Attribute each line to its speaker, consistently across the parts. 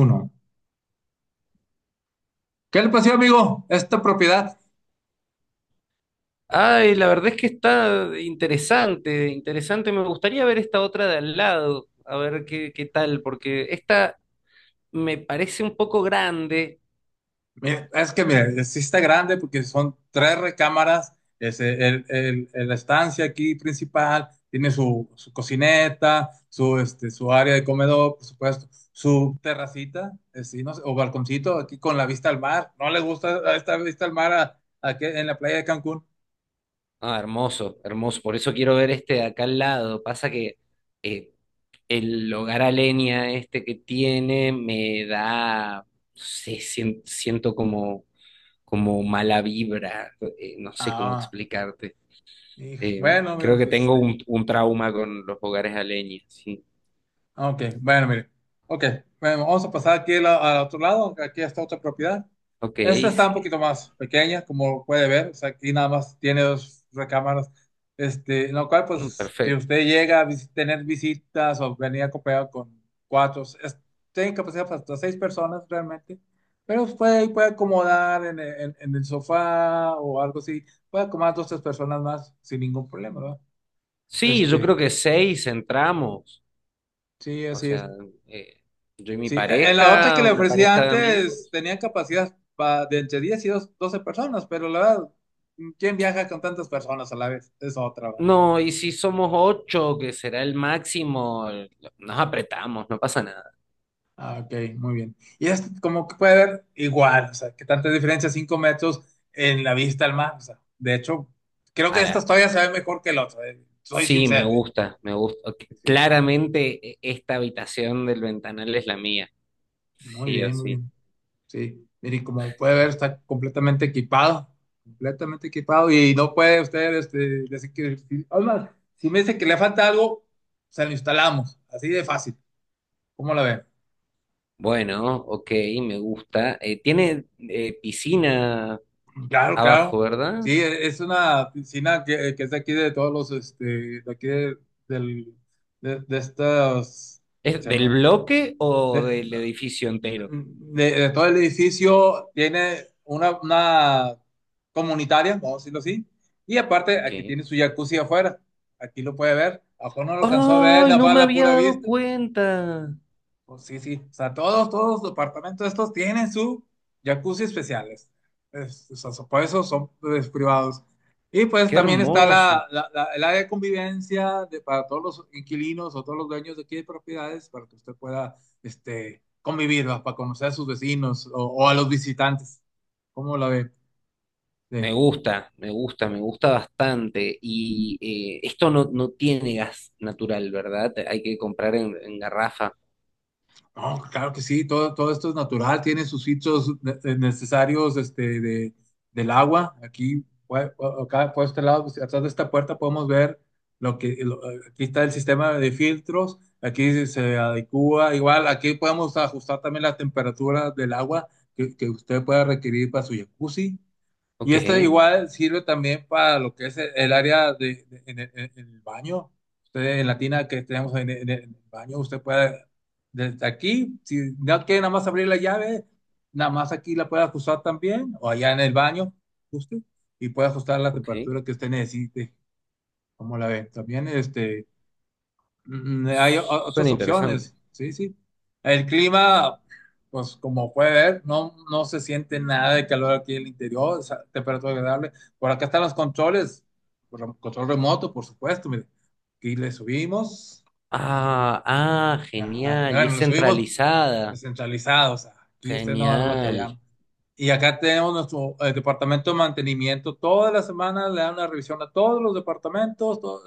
Speaker 1: Uno. ¿Qué le pasó, amigo? Esta propiedad.
Speaker 2: Ay, la verdad es que está interesante, interesante. Me gustaría ver esta otra de al lado, a ver qué tal, porque esta me parece un poco grande.
Speaker 1: Mira, es que mira, sí está grande porque son tres recámaras. Es la estancia aquí principal tiene su cocineta, su área de comedor, por supuesto, su terracita, sí, no sé, o balconcito aquí con la vista al mar. ¿No le gusta esta vista al mar en la playa de Cancún?
Speaker 2: Ah, hermoso, hermoso. Por eso quiero ver este de acá al lado. Pasa que eh, el hogar a leña este que tiene me da, no sé, siento como, como mala vibra. No sé cómo
Speaker 1: Ah,
Speaker 2: explicarte.
Speaker 1: hijo. Bueno, amigo,
Speaker 2: Creo que
Speaker 1: pues este.
Speaker 2: tengo un trauma con los hogares a leña, sí.
Speaker 1: Ok, bueno, mire. Ok, bueno, vamos a pasar aquí al otro lado. Aquí está otra propiedad.
Speaker 2: Ok,
Speaker 1: Esta está un
Speaker 2: sí.
Speaker 1: poquito más pequeña, como puede ver. O sea, aquí nada más tiene dos recámaras. Este, en lo cual,
Speaker 2: Mm,
Speaker 1: pues, si
Speaker 2: perfecto.
Speaker 1: usted llega a tener visitas o venir acompañado con cuatro, tiene capacidad para hasta seis personas realmente. Pero pues, puede acomodar en el sofá o algo así. Puede acomodar dos, tres personas más sin ningún problema, ¿verdad?
Speaker 2: Sí, yo
Speaker 1: Este,
Speaker 2: creo que seis entramos.
Speaker 1: sí,
Speaker 2: O
Speaker 1: así es.
Speaker 2: sea, eh, yo y mi
Speaker 1: Sí, en la otra que
Speaker 2: pareja,
Speaker 1: le
Speaker 2: una
Speaker 1: ofrecía
Speaker 2: pareja de
Speaker 1: antes
Speaker 2: amigos.
Speaker 1: tenían capacidad de entre 10 y 12 personas, pero la verdad, ¿quién viaja con tantas personas a la vez? Es otra, ¿verdad?
Speaker 2: No, y si somos ocho, que será el máximo, nos apretamos, no pasa nada.
Speaker 1: Ah, ok, muy bien. Y es como que puede ver igual, o sea, que tanta diferencia, 5 metros en la vista al mar. O sea, de hecho, creo que esta
Speaker 2: Ahora,
Speaker 1: todavía se ve mejor que el otro, soy
Speaker 2: sí, me
Speaker 1: sincero, eh.
Speaker 2: gusta, me gusta. Ok,
Speaker 1: Sí, sí.
Speaker 2: claramente esta habitación del ventanal es la mía,
Speaker 1: Muy
Speaker 2: sí o
Speaker 1: bien, muy
Speaker 2: sí.
Speaker 1: bien. Sí, mire, como puede ver, está completamente equipado y no puede usted este, decir que... Además, si me dice que le falta algo, se lo instalamos, así de fácil. ¿Cómo la ve?
Speaker 2: Bueno, ok, me gusta. Tiene piscina
Speaker 1: Claro,
Speaker 2: abajo,
Speaker 1: claro. Sí,
Speaker 2: ¿verdad?
Speaker 1: es una piscina que es de aquí de todos de aquí del, de estas...
Speaker 2: ¿Es
Speaker 1: se
Speaker 2: del
Speaker 1: me-
Speaker 2: bloque o
Speaker 1: de-
Speaker 2: del edificio entero?
Speaker 1: Mm, de todo el edificio tiene una comunitaria, vamos a decirlo así, y aparte
Speaker 2: Ok.
Speaker 1: aquí tiene su jacuzzi afuera, aquí lo puede ver, abajo no lo alcanzó a ver,
Speaker 2: ¡Ay,
Speaker 1: nada
Speaker 2: no
Speaker 1: más
Speaker 2: me
Speaker 1: la
Speaker 2: había
Speaker 1: pura
Speaker 2: dado
Speaker 1: vista,
Speaker 2: cuenta!
Speaker 1: pues sí, sí. O sea, todos los departamentos estos tienen su jacuzzi especiales. O sea, por eso son pues, privados. Y pues
Speaker 2: ¡Qué
Speaker 1: también está
Speaker 2: hermoso!
Speaker 1: el área de convivencia de, para todos los inquilinos o todos los dueños de aquí de propiedades para que usted pueda este, convivir, ¿va? Para conocer a sus vecinos o a los visitantes. ¿Cómo la ve?
Speaker 2: Me
Speaker 1: Sí.
Speaker 2: gusta, me gusta, me gusta bastante. Y esto no, no tiene gas natural, ¿verdad? Hay que comprar en garrafa.
Speaker 1: No, claro que sí, todo, todo esto es natural, tiene sus sitios necesarios este, de, del agua. Aquí, acá por este lado, pues, atrás de esta puerta podemos ver lo que, aquí está el sistema de filtros, aquí se adecua, igual aquí podemos ajustar también la temperatura del agua que usted pueda requerir para su jacuzzi. Y
Speaker 2: Ok,
Speaker 1: esta igual sirve también para lo que es el área en, en el baño. Usted en la tina que tenemos en el baño, usted puede desde aquí, si no quiere nada más abrir la llave, nada más aquí la puede ajustar también, o allá en el baño, ajuste, y puede ajustar la
Speaker 2: ok.
Speaker 1: temperatura que usted necesite. Como la ve, también este. Mm, hay otras
Speaker 2: Suena interesante.
Speaker 1: opciones, sí, sí. El clima, pues como puede ver, no, no se siente nada de calor aquí en el interior, o sea, temperatura agradable. Por acá están los controles, por control remoto, por supuesto, mire. Aquí le subimos,
Speaker 2: Ah, ah,
Speaker 1: ajá,
Speaker 2: genial. Y
Speaker 1: bueno,
Speaker 2: es
Speaker 1: le subimos
Speaker 2: centralizada.
Speaker 1: centralizados, aquí usted no va a
Speaker 2: Genial,
Speaker 1: batallar, y acá tenemos nuestro departamento de mantenimiento. Todas las semanas le dan una revisión a todos los departamentos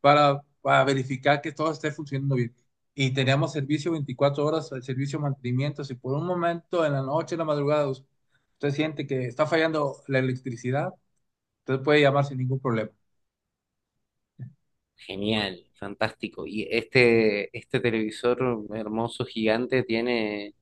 Speaker 1: para verificar que todo esté funcionando bien. Y teníamos servicio 24 horas, el servicio de mantenimiento. Si por un momento en la noche, en la madrugada, usted siente que está fallando la electricidad, usted puede llamar sin ningún problema.
Speaker 2: genial, fantástico. Y este televisor hermoso, gigante, tiene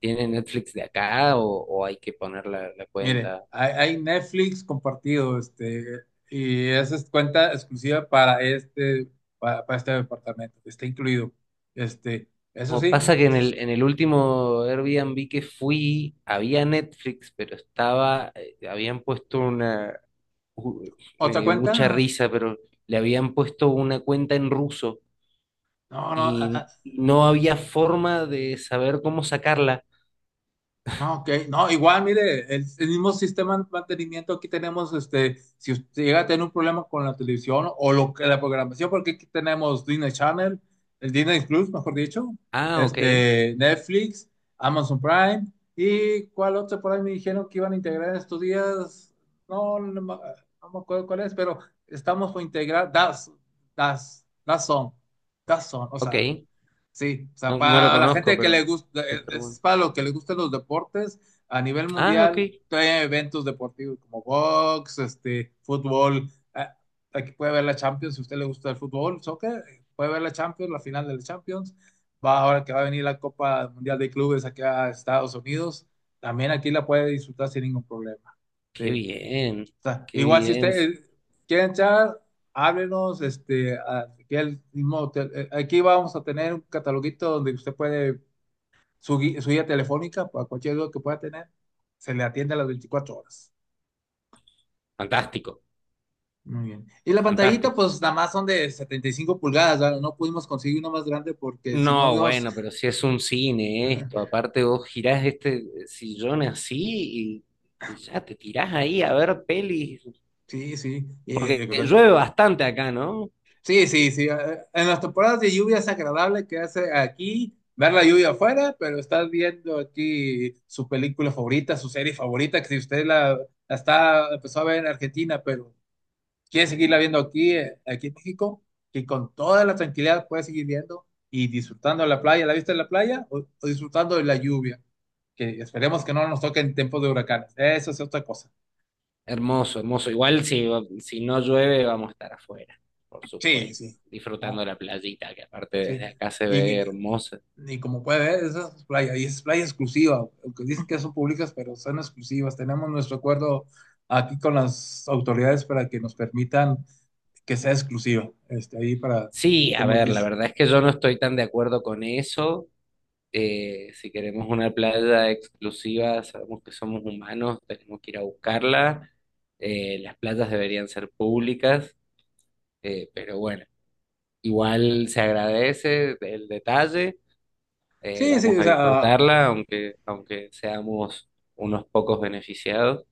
Speaker 2: tiene Netflix de acá o hay que poner la
Speaker 1: Mire,
Speaker 2: cuenta.
Speaker 1: hay Netflix compartido, este, y esa es cuenta exclusiva para este, para este departamento. Está incluido. Este, eso
Speaker 2: No,
Speaker 1: sí.
Speaker 2: pasa que en en el último Airbnb que fui había Netflix, pero estaba, habían puesto una, u- me
Speaker 1: ¿Otra
Speaker 2: dio mucha
Speaker 1: cuenta?
Speaker 2: risa, pero le habían puesto una cuenta en ruso
Speaker 1: No, no, ah, ah,
Speaker 2: y no había forma de saber cómo sacarla.
Speaker 1: no, ok. No, igual, mire, el mismo sistema de mantenimiento aquí tenemos, este, si usted llega a tener un problema con la televisión o lo que la programación, porque aquí tenemos Disney Channel, el Disney Plus, mejor dicho,
Speaker 2: Ah, ok,
Speaker 1: este, Netflix, Amazon Prime, y cuál otro por ahí me dijeron que iban a integrar en estos días. No, no, me no me acuerdo cuál es, pero estamos por integrar Das, Das, Dazón, Dazón, o sea.
Speaker 2: ok.
Speaker 1: Sí, o sea,
Speaker 2: No, no lo
Speaker 1: para la
Speaker 2: conozco,
Speaker 1: gente que
Speaker 2: pero...
Speaker 1: le gusta,
Speaker 2: pero bueno.
Speaker 1: es para los que les gustan los deportes a nivel
Speaker 2: Ah, ok.
Speaker 1: mundial, trae eventos deportivos como box, este, fútbol. Ah, aquí puede ver la Champions, si a usted le gusta el fútbol, soccer, puede ver la Champions, la final de la Champions. Va ahora que va a venir la Copa Mundial de Clubes aquí a Estados Unidos, también aquí la puede disfrutar sin ningún problema.
Speaker 2: Qué
Speaker 1: Sí
Speaker 2: bien,
Speaker 1: sea,
Speaker 2: qué
Speaker 1: igual si
Speaker 2: bien.
Speaker 1: ustedes quieren echar, háblenos, este, aquí al mismo hotel. Aquí vamos a tener un cataloguito donde usted puede su guía telefónica para cualquier duda que pueda tener, se le atiende a las 24 horas.
Speaker 2: Fantástico,
Speaker 1: Muy bien. Y la pantallita,
Speaker 2: fantástico.
Speaker 1: pues nada más son de 75 pulgadas, ¿verdad? No pudimos conseguir una más grande porque si no,
Speaker 2: No,
Speaker 1: Dios,
Speaker 2: bueno, pero si es un cine esto, aparte vos girás este sillón así y ya te tirás ahí a ver pelis,
Speaker 1: sí, sí,
Speaker 2: porque llueve bastante acá, ¿no?
Speaker 1: sí, sí, sí. En las temporadas de lluvia es agradable que hace aquí ver la lluvia afuera, pero estás viendo aquí su película favorita, su serie favorita, que si usted la está, empezó a ver en Argentina, pero quiere seguirla viendo aquí, aquí en México, que con toda la tranquilidad puede seguir viendo y disfrutando de la playa. ¿La viste en la playa o disfrutando de la lluvia? Que esperemos que no nos toque en tiempos de huracanes. Eso es otra cosa.
Speaker 2: Hermoso, hermoso. Igual si, si no llueve vamos a estar afuera, por
Speaker 1: Sí,
Speaker 2: supuesto,
Speaker 1: sí.
Speaker 2: disfrutando
Speaker 1: No,
Speaker 2: la playita, que aparte desde
Speaker 1: sí.
Speaker 2: acá se ve
Speaker 1: ¿Y
Speaker 2: hermosa.
Speaker 1: y como puede ver, esa es playa, y es playa exclusiva, aunque dicen que son públicas, pero son exclusivas? Tenemos nuestro acuerdo aquí con las autoridades para que nos permitan que sea exclusiva, este, ahí para,
Speaker 2: Sí, a
Speaker 1: como
Speaker 2: ver, la
Speaker 1: dice.
Speaker 2: verdad es que yo no estoy tan de acuerdo con eso. Si queremos una playa exclusiva, sabemos que somos humanos, tenemos que ir a buscarla. Las playas deberían ser públicas, pero bueno, igual se agradece el detalle.
Speaker 1: Sí, sí,
Speaker 2: Vamos
Speaker 1: o
Speaker 2: a
Speaker 1: sea.
Speaker 2: disfrutarla, aunque, aunque seamos unos pocos beneficiados.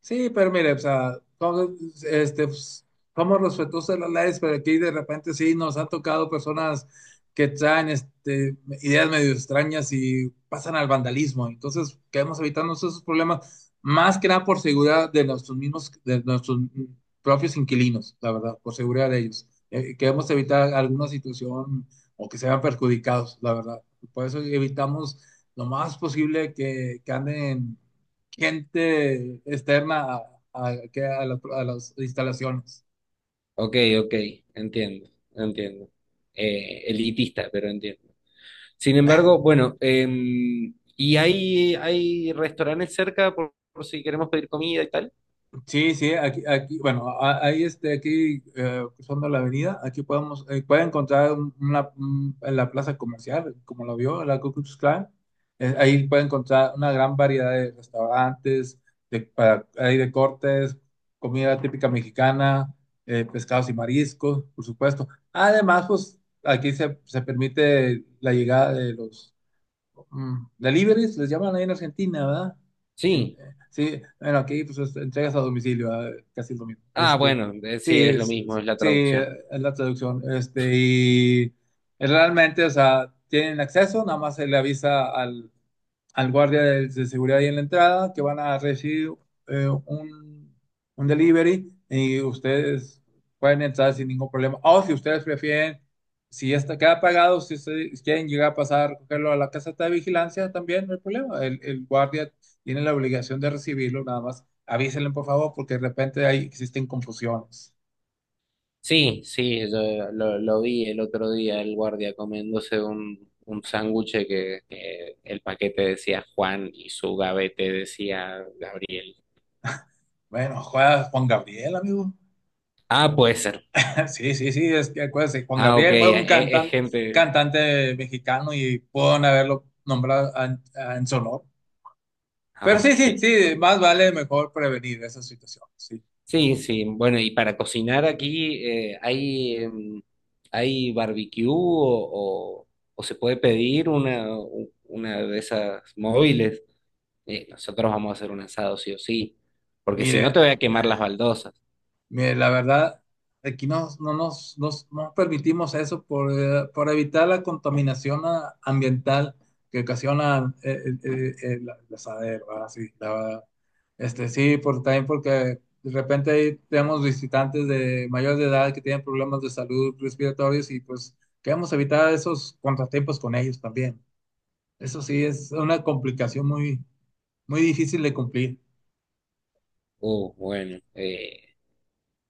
Speaker 1: Sí, pero mire, o sea, este, pues, somos respetuosos de las leyes, pero aquí de repente sí nos han tocado personas que traen este, ideas medio extrañas y pasan al vandalismo. Entonces, queremos evitarnos esos problemas, más que nada por seguridad de nuestros mismos, de nuestros propios inquilinos, la verdad, por seguridad de ellos. Queremos evitar alguna situación o que se vean perjudicados, la verdad. Por eso evitamos lo más posible que anden gente externa que a a las instalaciones.
Speaker 2: Ok, ok, entiendo, entiendo. Elitista, pero entiendo. Sin embargo, bueno, ¿y hay restaurantes cerca por si queremos pedir comida y tal?
Speaker 1: Sí, sí, aquí, aquí bueno, ahí este, aquí cruzando la avenida, aquí podemos, puede encontrar en la plaza comercial, como lo vio, la Ku Klux Klan, ahí puede encontrar una gran variedad de restaurantes, de, hay de cortes, comida típica mexicana, pescados y mariscos, por supuesto. Además, pues aquí se permite la llegada de los mm deliveries, les llaman ahí en Argentina, ¿verdad?
Speaker 2: Sí,
Speaker 1: Sí, bueno, aquí pues entregas a domicilio, ¿verdad? Casi es lo mismo.
Speaker 2: ah,
Speaker 1: Este,
Speaker 2: bueno,
Speaker 1: sí,
Speaker 2: sí, es lo mismo, es la
Speaker 1: sí,
Speaker 2: traducción.
Speaker 1: es la traducción. Este, y realmente, o sea, tienen acceso, nada más se le avisa al guardia de seguridad ahí en la entrada que van a recibir eh, un, un delivery y ustedes pueden entrar sin ningún problema. O si ustedes prefieren, si está, queda pagado, si ustedes quieren llegar a pasar, recogerlo a la casa de vigilancia, también no hay problema. El guardia tiene la obligación de recibirlo, nada más. Avísenle, por favor, porque de repente ahí existen confusiones.
Speaker 2: Sí, sí, yo lo vi el otro día, el guardia comiéndose un sándwich que el paquete decía Juan y su gavete decía Gabriel.
Speaker 1: Bueno, juega Juan Gabriel, amigo.
Speaker 2: Ah, puede ser.
Speaker 1: Sí, sí, sí, es que acuérdese, Juan
Speaker 2: Ah, ok,
Speaker 1: Gabriel fue un
Speaker 2: es,
Speaker 1: cantante,
Speaker 2: gente.
Speaker 1: cantante mexicano y pueden haberlo nombrado en su honor.
Speaker 2: Ah,
Speaker 1: Pero sí,
Speaker 2: ok.
Speaker 1: sí, sí, más vale mejor prevenir esa situación. Sí.
Speaker 2: Sí, sí, bueno, y para cocinar aquí, ¿hay, hay barbecue o se puede pedir una de esas móviles? Nosotros vamos a hacer un asado sí o sí, porque si no te
Speaker 1: Mire,
Speaker 2: voy a quemar las baldosas.
Speaker 1: mire, la verdad, aquí no nos, nos permitimos eso por evitar la contaminación ah, ambiental que ocasiona eh, eh, el asadero, ¿verdad? Sí, la verdad. Este, sí, por, también porque de repente ahí tenemos visitantes de mayor de edad que tienen problemas de salud respiratorios y pues queremos evitar esos contratiempos con ellos también. Eso sí, es una complicación muy, muy difícil de cumplir.
Speaker 2: Bueno,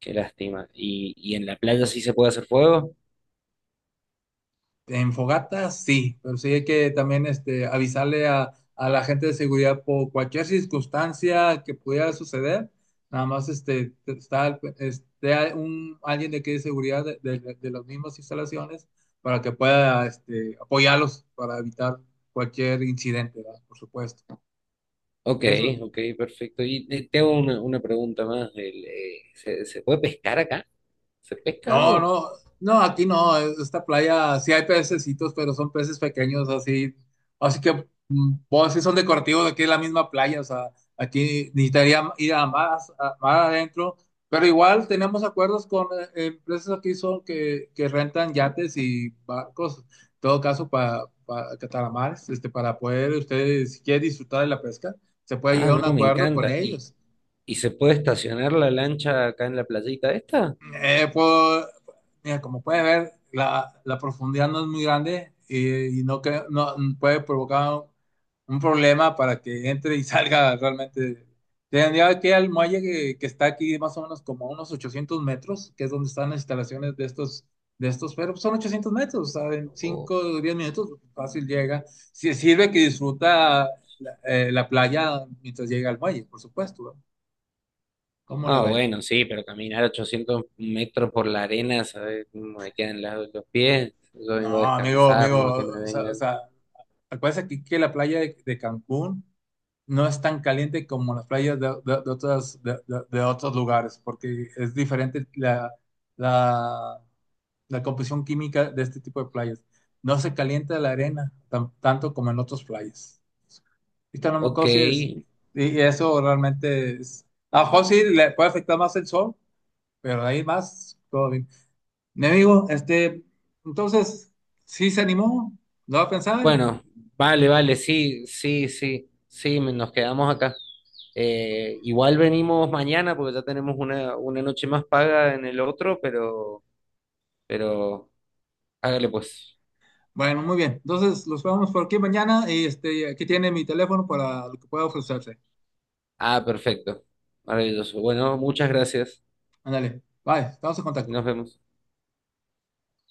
Speaker 2: qué lástima. Y en la playa sí se puede hacer fuego?
Speaker 1: En fogata, sí, pero sí hay que también este, avisarle a la gente de seguridad por cualquier circunstancia que pudiera suceder. Nada más este, está, al- esté a- un, alguien de aquí de seguridad de las mismas instalaciones para que pueda este, apoyarlos para evitar cualquier incidente, ¿verdad? Por supuesto.
Speaker 2: Ok,
Speaker 1: Eso,
Speaker 2: ok, perfecto. Y tengo una pregunta más. El, ¿se, se puede pescar acá? ¿Se pesca
Speaker 1: no,
Speaker 2: algo?
Speaker 1: no, no, aquí no, esta playa sí hay pececitos, pero son peces pequeños así, así que mm, pues, sí son decorativos, aquí es la misma playa, o sea, aquí necesitaría ir a más, más adentro, pero igual tenemos acuerdos con empresas aquí son que rentan yates y barcos, en todo caso para cataramares, este, para poder ustedes, si quieren disfrutar de la pesca, se puede
Speaker 2: Ah,
Speaker 1: llegar a un
Speaker 2: no, me
Speaker 1: acuerdo con
Speaker 2: encanta.
Speaker 1: ellos.
Speaker 2: Y se puede estacionar la lancha acá en la playita esta?
Speaker 1: Puedo, mira, como puedes ver, la profundidad no es muy grande y no, que, no puede provocar un problema para que entre y salga realmente. Tendría que ir al muelle que está aquí más o menos como a unos 800 metros, que es donde están las instalaciones de estos, pero son 800 metros, o sea, en
Speaker 2: O-
Speaker 1: 5 o 10 minutos fácil llega. Si sirve que disfruta la, la playa mientras llega al muelle, por supuesto, ¿no? ¿Cómo le
Speaker 2: Ah,
Speaker 1: va?
Speaker 2: bueno, sí, pero caminar 800 metros por la arena, ¿sabes cómo me quedan los pies? Yo
Speaker 1: No,
Speaker 2: vengo a
Speaker 1: amigo,
Speaker 2: descansar,
Speaker 1: amigo,
Speaker 2: no a que me
Speaker 1: o
Speaker 2: vengan.
Speaker 1: sea, acuérdense aquí que la playa de Cancún no es tan caliente como las playas de otras, de otros lugares, porque es diferente la, la composición química de este tipo de playas. No se calienta la arena tanto como en otras playas. Ahorita no me
Speaker 2: Ok,
Speaker 1: acuerdo si es- Y y eso realmente es. A lo mejor sí le puede afectar más el sol, pero de ahí más, todo bien. Mi amigo, este, entonces, sí se animó, lo va a pensar.
Speaker 2: bueno, vale, vale, sí, sí, sí, sí, nos quedamos acá. Igual venimos mañana porque ya tenemos una noche más paga en el otro, pero hágale pues.
Speaker 1: Bueno, muy bien. Entonces los vemos por aquí mañana y este, aquí tiene mi teléfono para lo que pueda ofrecerse.
Speaker 2: Ah, perfecto, maravilloso. Bueno, muchas gracias
Speaker 1: Ándale, bye, estamos en
Speaker 2: y
Speaker 1: contacto.
Speaker 2: nos vemos.